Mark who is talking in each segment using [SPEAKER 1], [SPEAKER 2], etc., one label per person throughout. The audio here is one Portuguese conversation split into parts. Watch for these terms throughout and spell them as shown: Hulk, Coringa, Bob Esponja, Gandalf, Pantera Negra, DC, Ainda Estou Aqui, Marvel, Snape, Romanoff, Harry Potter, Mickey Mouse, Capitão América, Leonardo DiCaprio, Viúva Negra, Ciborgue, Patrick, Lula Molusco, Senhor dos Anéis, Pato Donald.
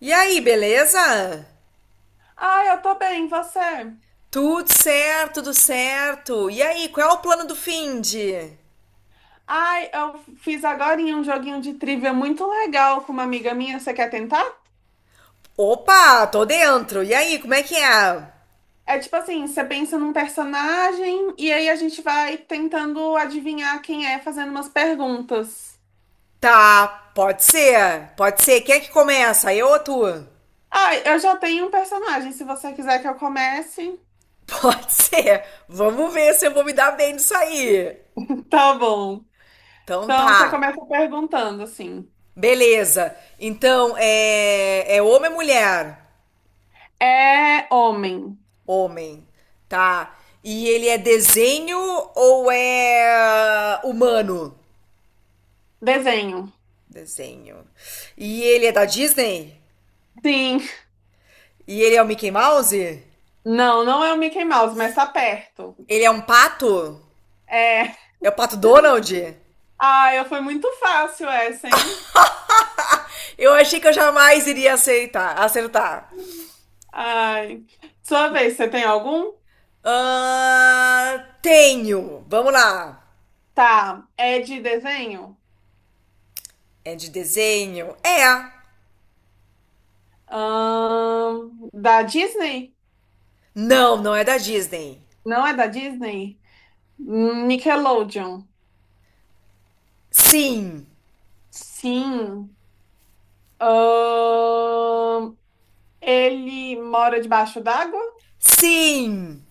[SPEAKER 1] E aí, beleza?
[SPEAKER 2] Ai, eu tô bem, e você?
[SPEAKER 1] Tudo certo, tudo certo. E aí, qual é o plano do finde?
[SPEAKER 2] Ai, eu fiz agora um joguinho de trivia muito legal com uma amiga minha. Você quer tentar?
[SPEAKER 1] Opa, tô dentro. E aí, como é que é?
[SPEAKER 2] É tipo assim, você pensa num personagem e aí a gente vai tentando adivinhar quem é, fazendo umas perguntas.
[SPEAKER 1] Tá, pode ser, pode ser. Quem é que começa? Eu ou tu?
[SPEAKER 2] Ai, eu já tenho um personagem, se você quiser que eu comece.
[SPEAKER 1] Pode ser. Vamos ver se eu vou me dar bem nisso aí.
[SPEAKER 2] Tá bom.
[SPEAKER 1] Então
[SPEAKER 2] Então você
[SPEAKER 1] tá.
[SPEAKER 2] começa perguntando assim.
[SPEAKER 1] Beleza. Então, é homem ou mulher?
[SPEAKER 2] É homem.
[SPEAKER 1] Homem. Tá. E ele é desenho ou é humano?
[SPEAKER 2] Desenho.
[SPEAKER 1] Desenho. E ele é da Disney?
[SPEAKER 2] Sim.
[SPEAKER 1] E ele é o Mickey Mouse?
[SPEAKER 2] Não, não é o Mickey Mouse, mas tá perto.
[SPEAKER 1] Ele é um pato?
[SPEAKER 2] É.
[SPEAKER 1] É o Pato Donald?
[SPEAKER 2] Ai, foi muito fácil essa, hein?
[SPEAKER 1] Eu achei que eu jamais iria aceitar, acertar.
[SPEAKER 2] Ai. Sua vez, você tem algum?
[SPEAKER 1] Ah, tenho. Vamos lá.
[SPEAKER 2] Tá. É de desenho?
[SPEAKER 1] É de desenho? É.
[SPEAKER 2] Da Disney?
[SPEAKER 1] Não, não é da Disney.
[SPEAKER 2] Não é da Disney? Nickelodeon.
[SPEAKER 1] Sim.
[SPEAKER 2] Sim. Ahn, ele mora debaixo d'água?
[SPEAKER 1] Sim.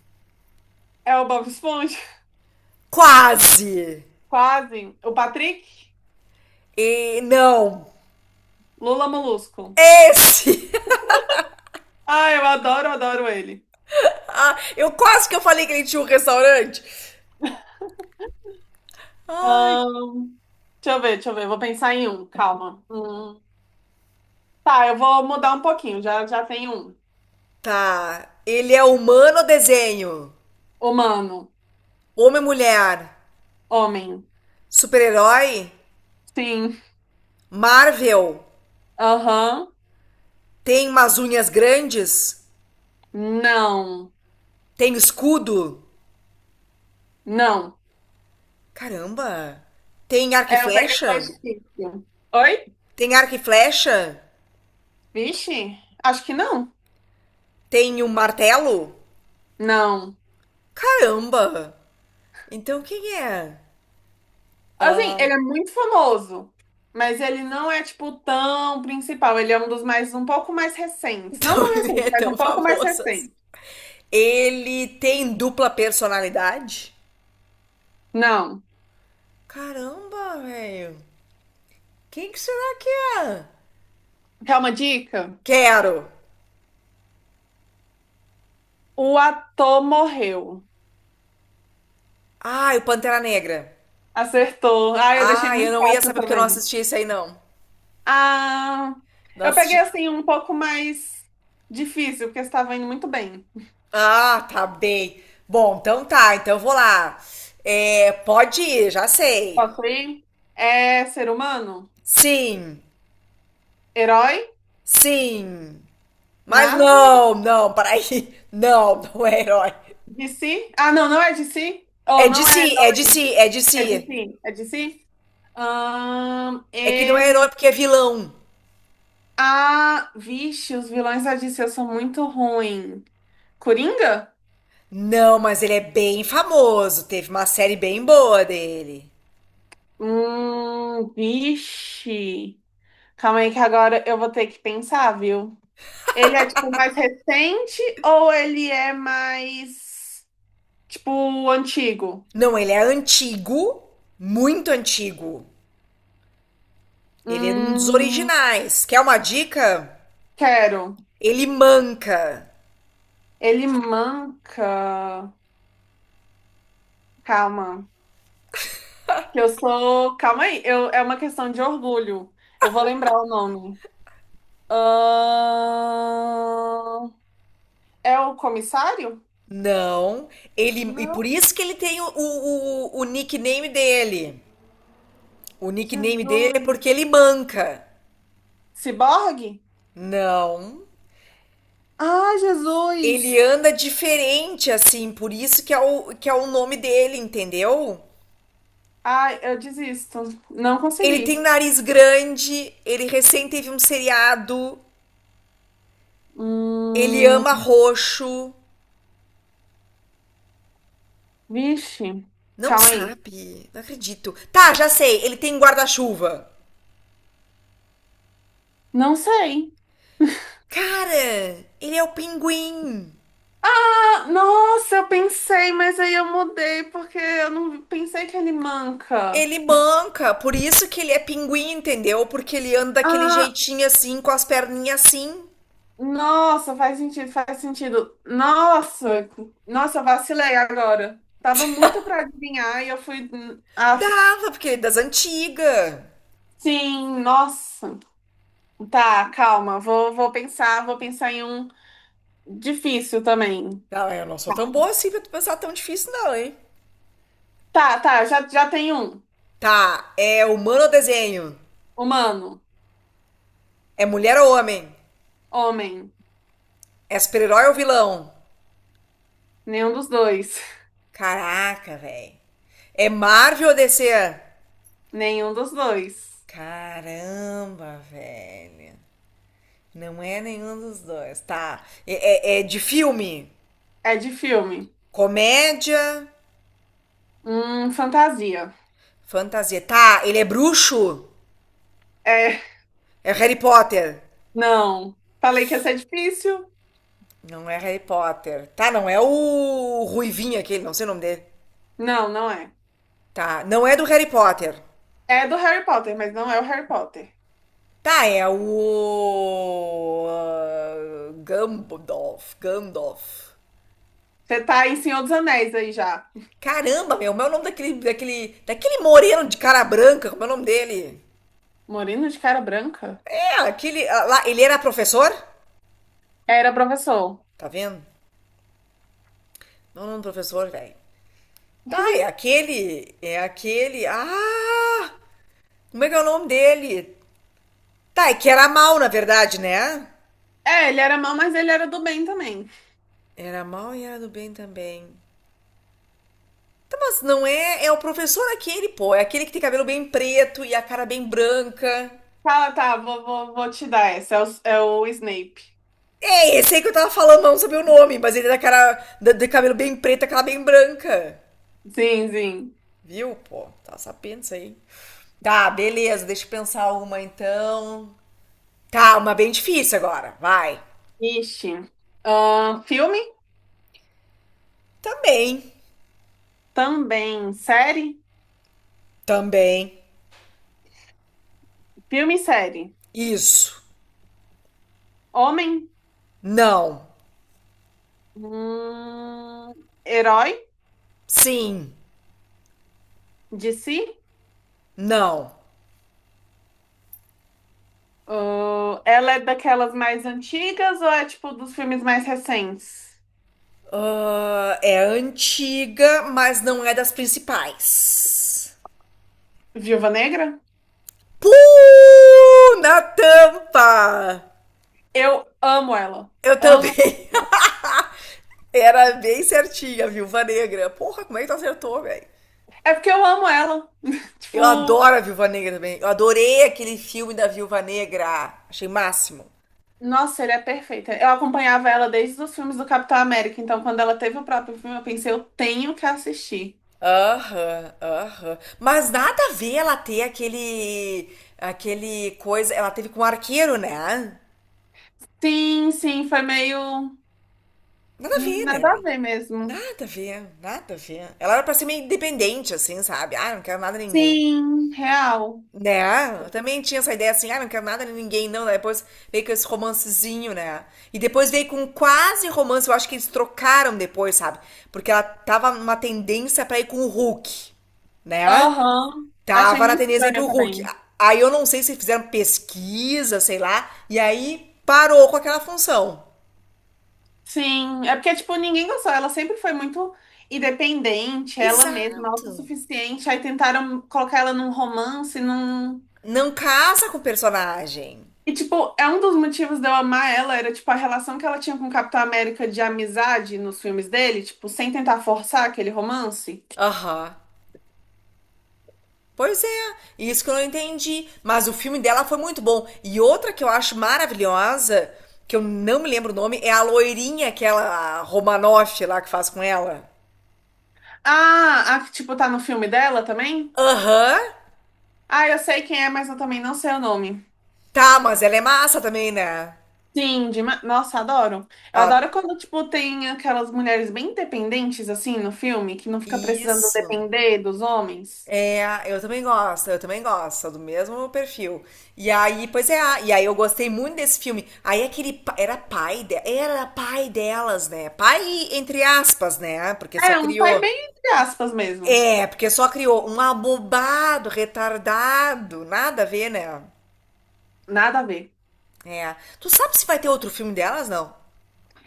[SPEAKER 2] É o Bob Esponja?
[SPEAKER 1] Quase.
[SPEAKER 2] Quase. O Patrick?
[SPEAKER 1] E não.
[SPEAKER 2] Lula Molusco.
[SPEAKER 1] Esse.
[SPEAKER 2] Ah, eu adoro ele.
[SPEAKER 1] Ah, eu quase que eu falei que ele tinha um restaurante. Ai,
[SPEAKER 2] Ahn, deixa eu ver. Vou pensar em um, calma. Hum. Tá, eu vou mudar um pouquinho. Já tem um.
[SPEAKER 1] tá. Ele é humano ou desenho?
[SPEAKER 2] Humano.
[SPEAKER 1] Homem ou mulher?
[SPEAKER 2] Homem.
[SPEAKER 1] Super-herói?
[SPEAKER 2] Sim.
[SPEAKER 1] Marvel?
[SPEAKER 2] Aham.
[SPEAKER 1] Tem umas unhas grandes?
[SPEAKER 2] Não.
[SPEAKER 1] Tem escudo?
[SPEAKER 2] Não.
[SPEAKER 1] Caramba! Tem arco e
[SPEAKER 2] É, eu peguei mais
[SPEAKER 1] flecha?
[SPEAKER 2] difícil. Oi?
[SPEAKER 1] Tem arco e flecha?
[SPEAKER 2] Vixe, acho que não.
[SPEAKER 1] Tem um martelo?
[SPEAKER 2] Não.
[SPEAKER 1] Caramba! Então quem é?
[SPEAKER 2] Assim,
[SPEAKER 1] Ah,
[SPEAKER 2] ele é muito famoso, mas ele não é, tipo, tão principal. Ele é um dos mais, um pouco mais recentes. Não
[SPEAKER 1] então
[SPEAKER 2] tão
[SPEAKER 1] ele
[SPEAKER 2] recente,
[SPEAKER 1] é
[SPEAKER 2] mas um
[SPEAKER 1] tão
[SPEAKER 2] pouco mais
[SPEAKER 1] famoso, assim.
[SPEAKER 2] recente.
[SPEAKER 1] Ele tem dupla personalidade?
[SPEAKER 2] Não.
[SPEAKER 1] Caramba, velho! Quem que será que é?
[SPEAKER 2] Quer uma dica?
[SPEAKER 1] Quero!
[SPEAKER 2] O ator morreu.
[SPEAKER 1] Ai, o Pantera Negra.
[SPEAKER 2] Acertou. Ah, eu deixei
[SPEAKER 1] Ah, eu
[SPEAKER 2] muito
[SPEAKER 1] não ia
[SPEAKER 2] fácil
[SPEAKER 1] saber porque eu não
[SPEAKER 2] também.
[SPEAKER 1] assisti esse aí, não.
[SPEAKER 2] Ah,
[SPEAKER 1] Não
[SPEAKER 2] eu peguei
[SPEAKER 1] assisti.
[SPEAKER 2] assim um pouco mais difícil, porque estava indo muito bem.
[SPEAKER 1] Ah, tá bem. Bom, então tá, então eu vou lá. É, pode ir, já sei.
[SPEAKER 2] Posso ir? É ser humano?
[SPEAKER 1] Sim,
[SPEAKER 2] Herói?
[SPEAKER 1] sim. Mas
[SPEAKER 2] Marvel?
[SPEAKER 1] peraí. Não, não é herói.
[SPEAKER 2] DC? Ah, não, não é DC? Ou
[SPEAKER 1] É de
[SPEAKER 2] não é,
[SPEAKER 1] si, é de si, é de
[SPEAKER 2] é
[SPEAKER 1] si.
[SPEAKER 2] DC? É DC?
[SPEAKER 1] É que não é
[SPEAKER 2] Ele...
[SPEAKER 1] herói porque é vilão.
[SPEAKER 2] Ah, vixe, os vilões da DC são muito ruins. Coringa?
[SPEAKER 1] Não, mas ele é bem famoso. Teve uma série bem boa dele.
[SPEAKER 2] Vixe. Calma aí que agora eu vou ter que pensar, viu? Ele é tipo mais recente ou ele é mais tipo antigo?
[SPEAKER 1] Não, ele é antigo, muito antigo. Ele é um dos
[SPEAKER 2] Hum,
[SPEAKER 1] originais. Quer uma dica?
[SPEAKER 2] quero.
[SPEAKER 1] Ele manca.
[SPEAKER 2] Ele manca. Calma. Que eu sou. Calma aí. Eu... É uma questão de orgulho. Eu vou lembrar o nome. Ahn, É o comissário?
[SPEAKER 1] Não, ele e por
[SPEAKER 2] Não.
[SPEAKER 1] isso que ele tem o nickname dele. O nickname
[SPEAKER 2] Jesus.
[SPEAKER 1] dele é porque ele manca.
[SPEAKER 2] Ciborgue?
[SPEAKER 1] Não,
[SPEAKER 2] Ah,
[SPEAKER 1] ele
[SPEAKER 2] Jesus!
[SPEAKER 1] anda diferente assim, por isso que é o nome dele, entendeu?
[SPEAKER 2] Ai, eu desisto. Não
[SPEAKER 1] Ele tem um
[SPEAKER 2] consegui.
[SPEAKER 1] nariz grande, ele recém teve um seriado, ele ama
[SPEAKER 2] Hum,
[SPEAKER 1] roxo.
[SPEAKER 2] Vixe,
[SPEAKER 1] Não
[SPEAKER 2] calma aí.
[SPEAKER 1] sabe, não acredito. Tá, já sei, ele tem guarda-chuva.
[SPEAKER 2] Não sei.
[SPEAKER 1] Cara, ele é o pinguim.
[SPEAKER 2] Ah, nossa, eu pensei, mas aí eu mudei porque eu não pensei que ele manca.
[SPEAKER 1] Ele manca, por isso que ele é pinguim, entendeu? Porque ele anda daquele
[SPEAKER 2] Ah,
[SPEAKER 1] jeitinho assim, com as perninhas assim.
[SPEAKER 2] nossa, faz sentido. Nossa, eu vacilei agora. Tava muito pra adivinhar e eu fui. Ah,
[SPEAKER 1] Dava, porque ele é das antigas.
[SPEAKER 2] sim, nossa. Tá, calma, vou pensar em um difícil também.
[SPEAKER 1] Não, eu não sou tão boa assim pra tu pensar tão difícil, não, hein?
[SPEAKER 2] Tá, já tem um.
[SPEAKER 1] Tá, é humano ou desenho?
[SPEAKER 2] Humano,
[SPEAKER 1] É mulher ou homem?
[SPEAKER 2] homem,
[SPEAKER 1] É super-herói ou vilão?
[SPEAKER 2] nenhum dos dois.
[SPEAKER 1] Caraca, velho. É Marvel ou DC?
[SPEAKER 2] Nenhum dos dois.
[SPEAKER 1] Caramba, velho. Não é nenhum dos dois. Tá. É de filme?
[SPEAKER 2] É de filme.
[SPEAKER 1] Comédia,
[SPEAKER 2] Fantasia.
[SPEAKER 1] fantasia. Tá, ele é bruxo?
[SPEAKER 2] É,
[SPEAKER 1] É Harry Potter?
[SPEAKER 2] não. Falei que ia ser difícil?
[SPEAKER 1] Não é Harry Potter. Tá, não é o Ruivinho aquele, não sei o nome dele.
[SPEAKER 2] Não, não é.
[SPEAKER 1] Tá, não é do Harry Potter.
[SPEAKER 2] É do Harry Potter, mas não é o Harry Potter.
[SPEAKER 1] Tá, é o, ah, Gandalf. Gandalf.
[SPEAKER 2] Você tá em Senhor dos Anéis aí já.
[SPEAKER 1] Caramba, meu, como é o nome daquele moreno de cara branca? Como é o nome dele?
[SPEAKER 2] Moreno de cara branca?
[SPEAKER 1] É, aquele, ah, lá, ele era professor?
[SPEAKER 2] Era professor.
[SPEAKER 1] Tá vendo? Não, não, professor, velho. Tá, é aquele. É aquele. Ah! Como é que é o nome dele? Tá, é que era mal, na verdade, né?
[SPEAKER 2] É, ele era mau, mas ele era do bem também.
[SPEAKER 1] Era mal e era do bem também. Tá, mas não é. É o professor aquele, pô. É aquele que tem cabelo bem preto e a cara bem branca.
[SPEAKER 2] Fala, tá, vou te dar essa. É o Snape.
[SPEAKER 1] É, esse aí que eu tava falando, mas não sabia o nome, mas ele é da cara. Da- De cabelo bem preto, aquela bem branca.
[SPEAKER 2] Sim, sim.
[SPEAKER 1] Viu, pô? Tá sabendo isso aí. Tá, beleza, deixa eu pensar uma então. Tá, uma bem difícil agora, vai.
[SPEAKER 2] Ixi. Filme?
[SPEAKER 1] Também,
[SPEAKER 2] Também. Série?
[SPEAKER 1] também.
[SPEAKER 2] Filme e série.
[SPEAKER 1] Isso.
[SPEAKER 2] Homem?
[SPEAKER 1] Não.
[SPEAKER 2] Hum, herói
[SPEAKER 1] Sim.
[SPEAKER 2] de si?
[SPEAKER 1] Não.
[SPEAKER 2] Ah, ela é daquelas mais antigas ou é tipo dos filmes mais recentes?
[SPEAKER 1] Ah, é antiga, mas não é das principais.
[SPEAKER 2] Viúva Negra?
[SPEAKER 1] Pum! Na tampa!
[SPEAKER 2] Eu amo ela.
[SPEAKER 1] Eu
[SPEAKER 2] Amo.
[SPEAKER 1] também. Era bem certinha, Viúva Negra. Porra, como é que tu acertou, velho?
[SPEAKER 2] É porque eu amo ela.
[SPEAKER 1] Eu
[SPEAKER 2] Tipo,
[SPEAKER 1] adoro a Viúva Negra também. Eu adorei aquele filme da Viúva Negra. Achei máximo.
[SPEAKER 2] nossa, ele é perfeita. Eu acompanhava ela desde os filmes do Capitão América, então quando ela teve o próprio filme, eu pensei, eu tenho que assistir.
[SPEAKER 1] Aham, aham. Mas nada a ver ela ter aquele coisa. Ela teve com o arqueiro, né?
[SPEAKER 2] Sim, sim, foi meio
[SPEAKER 1] Nada a ver,
[SPEAKER 2] nada a
[SPEAKER 1] né?
[SPEAKER 2] ver mesmo.
[SPEAKER 1] Nada a ver, nada a ver. Ela era pra ser meio independente, assim, sabe? Ah, não quero nada de ninguém.
[SPEAKER 2] Sim, real.
[SPEAKER 1] Né? Eu também tinha essa ideia assim, ah, não quero nada de ninguém, não. Daí depois veio com esse romancezinho, né? E depois veio com quase romance. Eu acho que eles trocaram depois, sabe? Porque ela tava numa tendência pra ir com o Hulk, né?
[SPEAKER 2] Aham. Achei
[SPEAKER 1] Tava na
[SPEAKER 2] muito
[SPEAKER 1] tendência aí
[SPEAKER 2] estranha
[SPEAKER 1] pro Hulk.
[SPEAKER 2] também.
[SPEAKER 1] Aí eu não sei se fizeram pesquisa, sei lá, e aí parou com aquela função.
[SPEAKER 2] Sim, é porque, tipo, ninguém gostou. Ela sempre foi muito independente, ela mesma,
[SPEAKER 1] Exato.
[SPEAKER 2] autossuficiente. Aí tentaram colocar ela num romance, num.
[SPEAKER 1] Não casa com o personagem.
[SPEAKER 2] E, tipo, é um dos motivos de eu amar ela, era, tipo, a relação que ela tinha com o Capitão América de amizade nos filmes dele, tipo, sem tentar forçar aquele romance.
[SPEAKER 1] Aham. Pois é, isso que eu não entendi. Mas o filme dela foi muito bom. E outra que eu acho maravilhosa, que eu não me lembro o nome, é a loirinha, aquela Romanoff lá que faz com ela.
[SPEAKER 2] Ah, a que, tipo, tá no filme dela também?
[SPEAKER 1] Aham.
[SPEAKER 2] Ah, eu sei quem é, mas eu também não sei o nome.
[SPEAKER 1] Tá, mas ela é massa também, né?
[SPEAKER 2] Sim, dema- nossa, adoro. Eu
[SPEAKER 1] Ó,
[SPEAKER 2] adoro quando, tipo, tem aquelas mulheres bem independentes, assim, no filme, que não fica precisando
[SPEAKER 1] isso.
[SPEAKER 2] depender dos homens.
[SPEAKER 1] É, eu também gosto, sou do mesmo perfil. E aí, pois é, e aí eu gostei muito desse filme. Era pai de, era pai delas, né? Pai entre aspas, né? Porque só
[SPEAKER 2] É, um pai
[SPEAKER 1] criou.
[SPEAKER 2] bem entre aspas mesmo.
[SPEAKER 1] É, porque só criou um abobado, retardado, nada a ver, né?
[SPEAKER 2] Nada a ver.
[SPEAKER 1] É. Tu sabe se vai ter outro filme delas, não?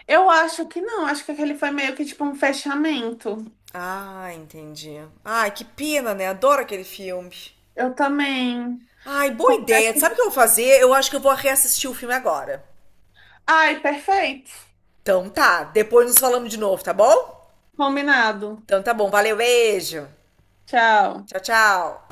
[SPEAKER 2] Eu acho que não, acho que aquele foi meio que, tipo, um fechamento.
[SPEAKER 1] Ah, entendi. Ai, que pena, né? Adoro aquele filme.
[SPEAKER 2] Eu também.
[SPEAKER 1] Ai, boa ideia. Sabe o
[SPEAKER 2] Confesso.
[SPEAKER 1] que eu vou fazer? Eu acho que eu vou reassistir o filme agora.
[SPEAKER 2] Ai, perfeito.
[SPEAKER 1] Então tá, depois nos falamos de novo, tá bom?
[SPEAKER 2] Combinado.
[SPEAKER 1] Então tá bom, valeu, beijo.
[SPEAKER 2] Tchau.
[SPEAKER 1] Tchau, tchau.